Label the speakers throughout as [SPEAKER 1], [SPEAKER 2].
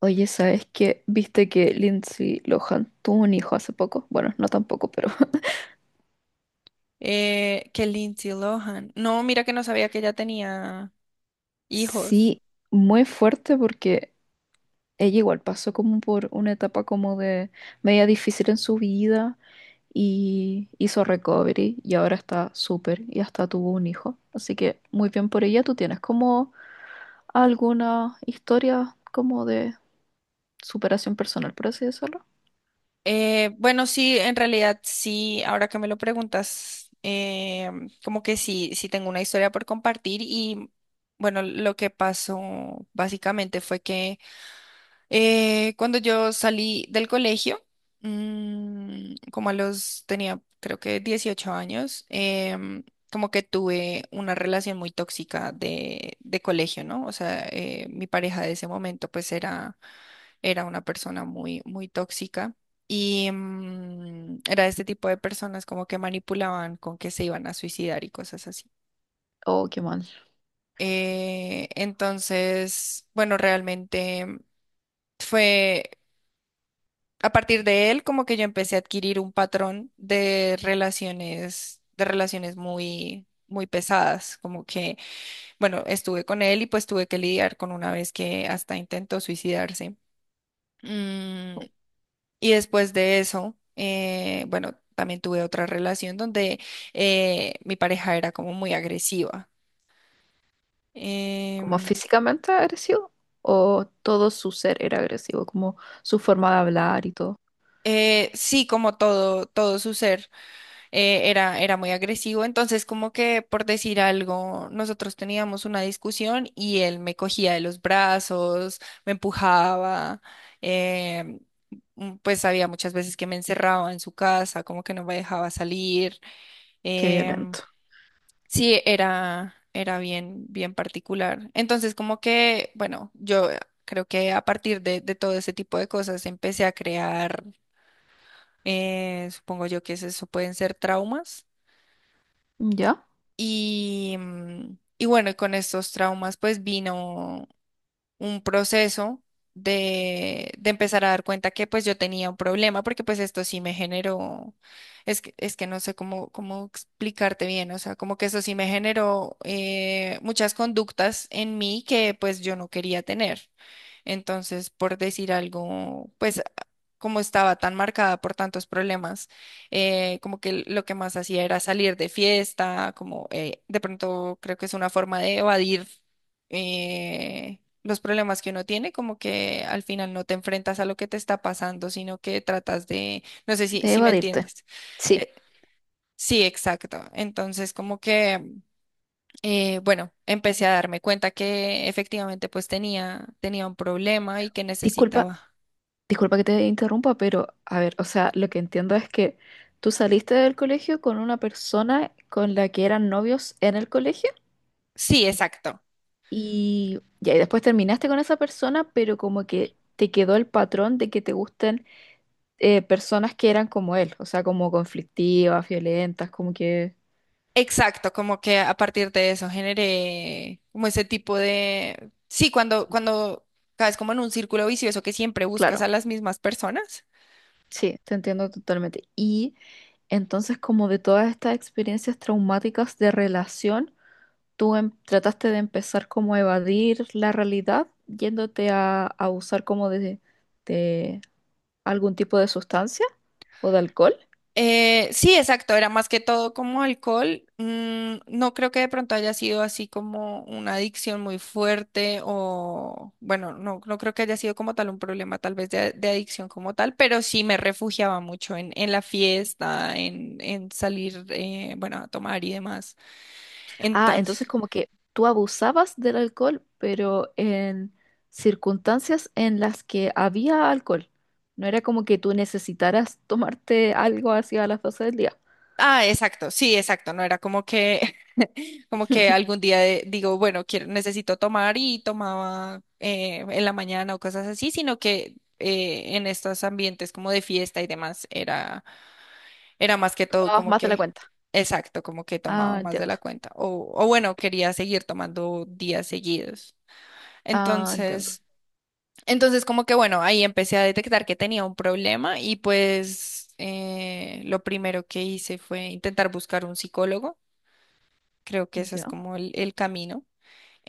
[SPEAKER 1] Oye, ¿sabes qué? ¿Viste que Lindsay Lohan tuvo un hijo hace poco? Bueno, no tampoco, pero
[SPEAKER 2] Que Lindsay Lohan. No, mira que no sabía que ella tenía hijos.
[SPEAKER 1] sí, muy fuerte porque ella igual pasó como por una etapa como de media difícil en su vida y hizo recovery y ahora está súper y hasta tuvo un hijo. Así que muy bien por ella. ¿Tú tienes como alguna historia como de superación personal, por así decirlo?
[SPEAKER 2] Bueno, sí, en realidad sí, ahora que me lo preguntas, como que sí, sí tengo una historia por compartir. Y bueno, lo que pasó básicamente fue que... Cuando yo salí del colegio, tenía creo que 18 años, como que tuve una relación muy tóxica de colegio, ¿no? O sea, mi pareja de ese momento pues era, era una persona muy, muy tóxica. Y era este tipo de personas como que manipulaban con que se iban a suicidar y cosas así.
[SPEAKER 1] Oh, qué mal.
[SPEAKER 2] Entonces, bueno, realmente fue. A partir de él, como que yo empecé a adquirir un patrón de relaciones, muy, muy pesadas. Como que, bueno, estuve con él y pues tuve que lidiar con una vez que hasta intentó suicidarse. Mm, y después de eso, bueno, también tuve otra relación donde mi pareja era como muy agresiva.
[SPEAKER 1] ¿Como
[SPEAKER 2] Em,
[SPEAKER 1] físicamente agresivo? ¿O todo su ser era agresivo? Como su forma de hablar y todo.
[SPEAKER 2] sí, como todo, todo su ser. Era, era muy agresivo. Entonces, como que, por decir algo, nosotros teníamos una discusión y él me cogía de los brazos, me empujaba, eh, pues había muchas veces que me encerraba en su casa, como que no me dejaba salir.
[SPEAKER 1] Qué
[SPEAKER 2] em,
[SPEAKER 1] violento.
[SPEAKER 2] sí, era, era bien, bien particular. Entonces, como que, bueno, yo creo que a partir de todo ese tipo de cosas empecé a crear... Supongo yo que es, eso pueden ser traumas.
[SPEAKER 1] ¿Ya?
[SPEAKER 2] Y, bueno, y con estos traumas pues vino un proceso de empezar a dar cuenta que pues yo tenía un problema, porque pues esto sí me generó, es que no sé cómo explicarte bien. O sea, como que eso sí me generó, muchas conductas en mí que pues yo no quería tener. Entonces, por decir algo, pues como estaba tan marcada por tantos problemas, como que lo que más hacía era salir de fiesta, como, de pronto creo que es una forma de evadir, los problemas que uno tiene. Como que al final no te enfrentas a lo que te está pasando, sino que tratas de, no sé si,
[SPEAKER 1] De
[SPEAKER 2] si me
[SPEAKER 1] evadirte.
[SPEAKER 2] entiendes.
[SPEAKER 1] Sí,
[SPEAKER 2] Eh, sí, exacto. Entonces, como que, bueno, empecé a darme cuenta que efectivamente pues tenía, tenía un problema y que
[SPEAKER 1] disculpa,
[SPEAKER 2] necesitaba.
[SPEAKER 1] que te interrumpa, pero a ver, o sea, lo que entiendo es que tú saliste del colegio con una persona con la que eran novios en el colegio
[SPEAKER 2] Sí, exacto.
[SPEAKER 1] y ya, y después terminaste con esa persona, pero como que te quedó el patrón de que te gusten personas que eran como él, o sea, como conflictivas, violentas, como que,
[SPEAKER 2] Exacto, como que a partir de eso generé como ese tipo de... Sí, cuando caes como en un círculo vicioso que siempre buscas
[SPEAKER 1] claro.
[SPEAKER 2] a las mismas personas.
[SPEAKER 1] Sí, te entiendo totalmente. Y entonces, como de todas estas experiencias traumáticas de relación, tú trataste de empezar como a evadir la realidad yéndote a usar como de algún tipo de sustancia o de alcohol.
[SPEAKER 2] Sí, exacto, era más que todo como alcohol. Mm, no creo que de pronto haya sido así como una adicción muy fuerte. O bueno, no, no creo que haya sido como tal un problema tal vez de adicción como tal, pero sí me refugiaba mucho en la fiesta, en salir, bueno, a tomar y demás.
[SPEAKER 1] Ah, entonces
[SPEAKER 2] Entonces,
[SPEAKER 1] como que tú abusabas del alcohol, pero en circunstancias en las que había alcohol. No era como que tú necesitaras tomarte algo hacia las 12 del día.
[SPEAKER 2] ah, exacto, sí, exacto, no era como que... Como que algún día digo, bueno, quiero, necesito tomar, y tomaba, en la mañana o cosas así, sino que, en estos ambientes como de fiesta y demás, era, era más que todo
[SPEAKER 1] Tomabas
[SPEAKER 2] como
[SPEAKER 1] más de la
[SPEAKER 2] que,
[SPEAKER 1] cuenta.
[SPEAKER 2] exacto, como que
[SPEAKER 1] Ah,
[SPEAKER 2] tomaba más de
[SPEAKER 1] entiendo.
[SPEAKER 2] la cuenta. O bueno, quería seguir tomando días seguidos.
[SPEAKER 1] Ah, entiendo.
[SPEAKER 2] Entonces, como que bueno, ahí empecé a detectar que tenía un problema, y pues, lo primero que hice fue intentar buscar un psicólogo. Creo que ese es
[SPEAKER 1] Ya.
[SPEAKER 2] como el camino.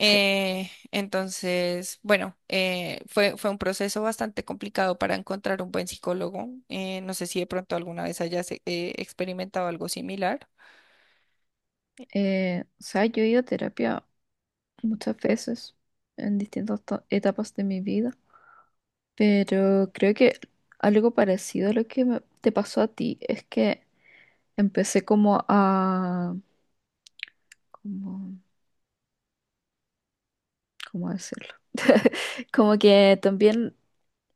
[SPEAKER 1] Sí.
[SPEAKER 2] Entonces, bueno, fue un proceso bastante complicado para encontrar un buen psicólogo. No sé si de pronto alguna vez hayas, experimentado algo similar.
[SPEAKER 1] O sea, yo he ido a terapia muchas veces en distintas etapas de mi vida, pero creo que algo parecido a lo que te pasó a ti es que empecé como a... como- ¿cómo decirlo? Como que también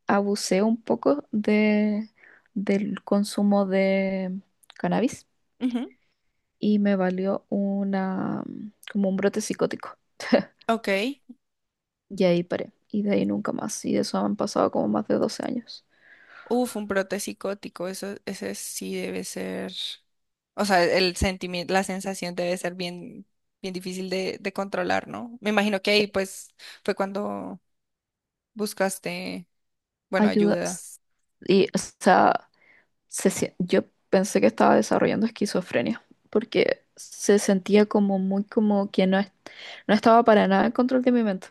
[SPEAKER 1] abusé un poco del consumo de cannabis
[SPEAKER 2] Ujú.
[SPEAKER 1] y me valió una, como un brote psicótico.
[SPEAKER 2] Ok.
[SPEAKER 1] Y ahí paré. Y de ahí nunca más. Y de eso han pasado como más de 12 años.
[SPEAKER 2] Uf, un brote psicótico, eso, ese sí debe ser. O sea, el sentimiento, la sensación debe ser bien, bien difícil de controlar, ¿no? Me imagino que ahí
[SPEAKER 1] Eh,
[SPEAKER 2] pues fue cuando buscaste, bueno,
[SPEAKER 1] Ayuda.
[SPEAKER 2] ayuda.
[SPEAKER 1] Y, o sea, yo pensé que estaba desarrollando esquizofrenia. Porque se sentía como muy como que no, no estaba para nada en control de mi mente.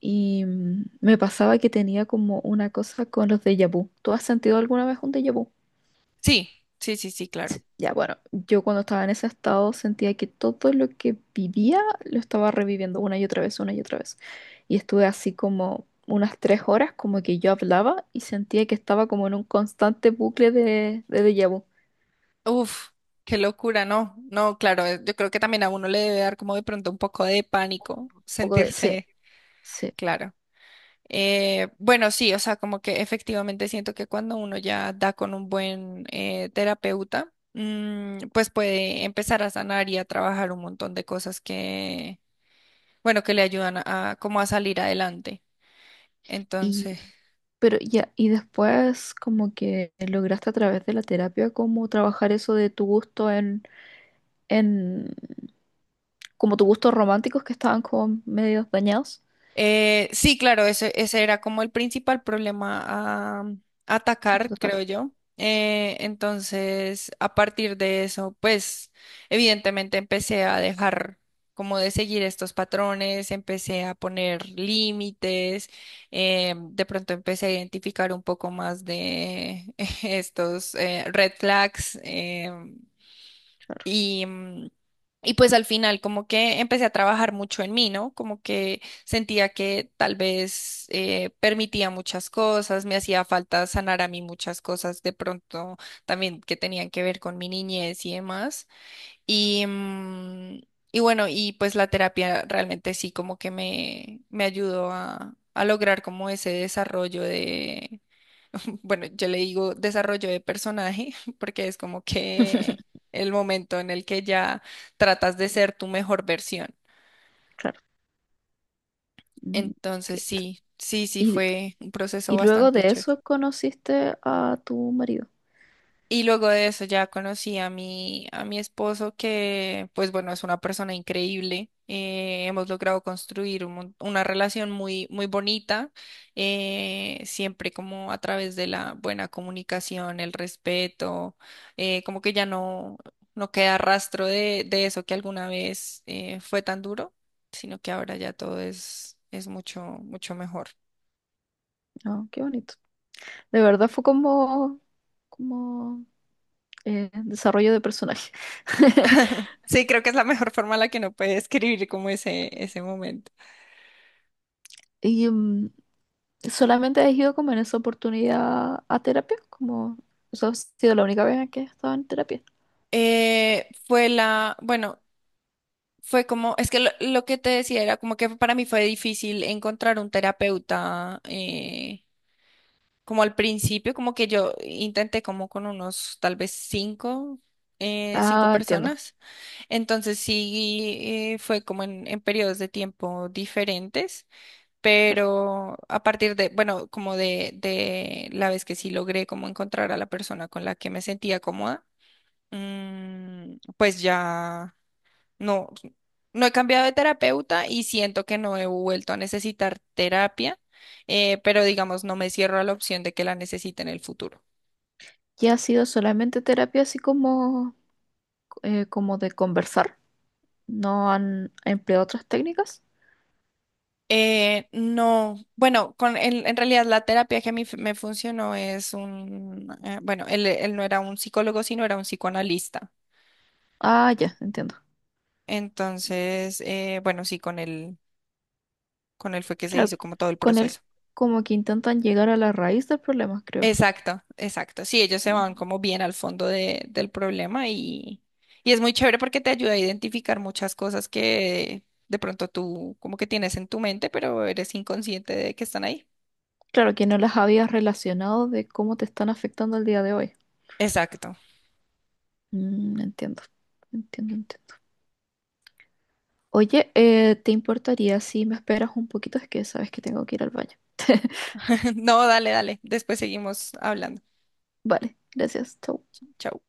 [SPEAKER 1] Y me pasaba que tenía como una cosa con los déjà vu. ¿Tú has sentido alguna vez un déjà vu?
[SPEAKER 2] Sí, sí, sí, sí, claro.
[SPEAKER 1] Sí, ya, bueno, yo cuando estaba en ese estado sentía que todo lo que vivía lo estaba reviviendo una y otra vez, una y otra vez. Y estuve así como unas 3 horas, como que yo hablaba y sentía que estaba como en un constante bucle de déjà vu. Un
[SPEAKER 2] Uf, qué locura. No, no, claro, yo creo que también a uno le debe dar como de pronto un poco de pánico
[SPEAKER 1] poco de, sí,
[SPEAKER 2] sentirse,
[SPEAKER 1] sí.
[SPEAKER 2] claro. Bueno, sí, o sea, como que efectivamente siento que cuando uno ya da con un buen, terapeuta, pues puede empezar a sanar y a trabajar un montón de cosas que, bueno, que le ayudan a, como a salir adelante.
[SPEAKER 1] Y,
[SPEAKER 2] Entonces,
[SPEAKER 1] pero ya, y después como que lograste a través de la terapia como trabajar eso de tu gusto en, como tus gustos románticos que estaban como medio dañados.
[SPEAKER 2] Sí, claro, ese era como el principal problema a
[SPEAKER 1] A
[SPEAKER 2] atacar,
[SPEAKER 1] tratar,
[SPEAKER 2] creo yo. Entonces, a partir de eso, pues, evidentemente empecé a dejar como de seguir estos patrones, empecé a poner límites, de pronto empecé a identificar un poco más de estos, red flags.
[SPEAKER 1] claro.
[SPEAKER 2] Y, mm, y pues al final como que empecé a trabajar mucho en mí, ¿no? Como que sentía que tal vez, permitía muchas cosas, me hacía falta sanar a mí muchas cosas, de pronto también, que tenían que ver con mi niñez y demás. Y, bueno, y pues la terapia realmente sí como que me ayudó a, lograr como ese desarrollo. Bueno, yo le digo desarrollo de personaje, porque es como que el momento en el que ya tratas de ser tu mejor versión.
[SPEAKER 1] Claro. Mm,
[SPEAKER 2] Entonces,
[SPEAKER 1] ok.
[SPEAKER 2] sí, sí, sí,
[SPEAKER 1] Y,
[SPEAKER 2] fue un proceso
[SPEAKER 1] y luego
[SPEAKER 2] bastante
[SPEAKER 1] de
[SPEAKER 2] chévere.
[SPEAKER 1] eso conociste a tu marido.
[SPEAKER 2] Y luego de eso ya conocí a mi, esposo, que pues bueno, es una persona increíble. Hemos logrado construir un una relación muy, muy bonita, siempre como a través de la buena comunicación, el respeto, como que ya no, no queda rastro de eso que alguna vez, fue tan duro, sino que ahora ya todo es mucho, mucho mejor.
[SPEAKER 1] Ah, qué bonito. De verdad fue como, como desarrollo de personaje.
[SPEAKER 2] Sí, creo que es la mejor forma en la que uno puede describir como ese momento.
[SPEAKER 1] ¿Y mm, solamente has ido como en esa oportunidad a terapia? Como eso ha sido la única vez en que he estado en terapia.
[SPEAKER 2] Bueno, fue como, es que lo que te decía era como que para mí fue difícil encontrar un terapeuta, como al principio, como que yo intenté como con unos tal vez cinco
[SPEAKER 1] Ah, entiendo,
[SPEAKER 2] personas. Entonces, sí, fue como en, periodos de tiempo diferentes,
[SPEAKER 1] claro.
[SPEAKER 2] pero a partir de, bueno, como de, la vez que sí logré como encontrar a la persona con la que me sentía cómoda, pues ya. No, no he cambiado de terapeuta, y siento que no he vuelto a necesitar terapia, pero digamos, no me cierro a la opción de que la necesite en el futuro.
[SPEAKER 1] ¿Y ha sido solamente terapia así como, como de conversar? ¿No han empleado otras técnicas?
[SPEAKER 2] No, bueno, con en, realidad la terapia que a mí me funcionó es un, bueno, él no era un psicólogo, sino era un psicoanalista.
[SPEAKER 1] Ah, ya, entiendo.
[SPEAKER 2] Entonces, bueno, sí, con él, fue que se
[SPEAKER 1] Claro,
[SPEAKER 2] hizo como todo el
[SPEAKER 1] con él
[SPEAKER 2] proceso.
[SPEAKER 1] como que intentan llegar a la raíz del problema, creo.
[SPEAKER 2] Exacto, exacto. Sí, ellos se van
[SPEAKER 1] Mm.
[SPEAKER 2] como bien al fondo del problema, y es muy chévere porque te ayuda a identificar muchas cosas que de pronto tú como que tienes en tu mente, pero eres inconsciente de que están ahí.
[SPEAKER 1] Claro, que no las habías relacionado de cómo te están afectando el día de hoy.
[SPEAKER 2] Exacto.
[SPEAKER 1] Mm, entiendo, entiendo, entiendo. Oye, ¿te importaría si me esperas un poquito? Es que sabes que tengo que ir al baño.
[SPEAKER 2] No, dale, dale. Después seguimos hablando.
[SPEAKER 1] Vale, gracias, chau.
[SPEAKER 2] Chao.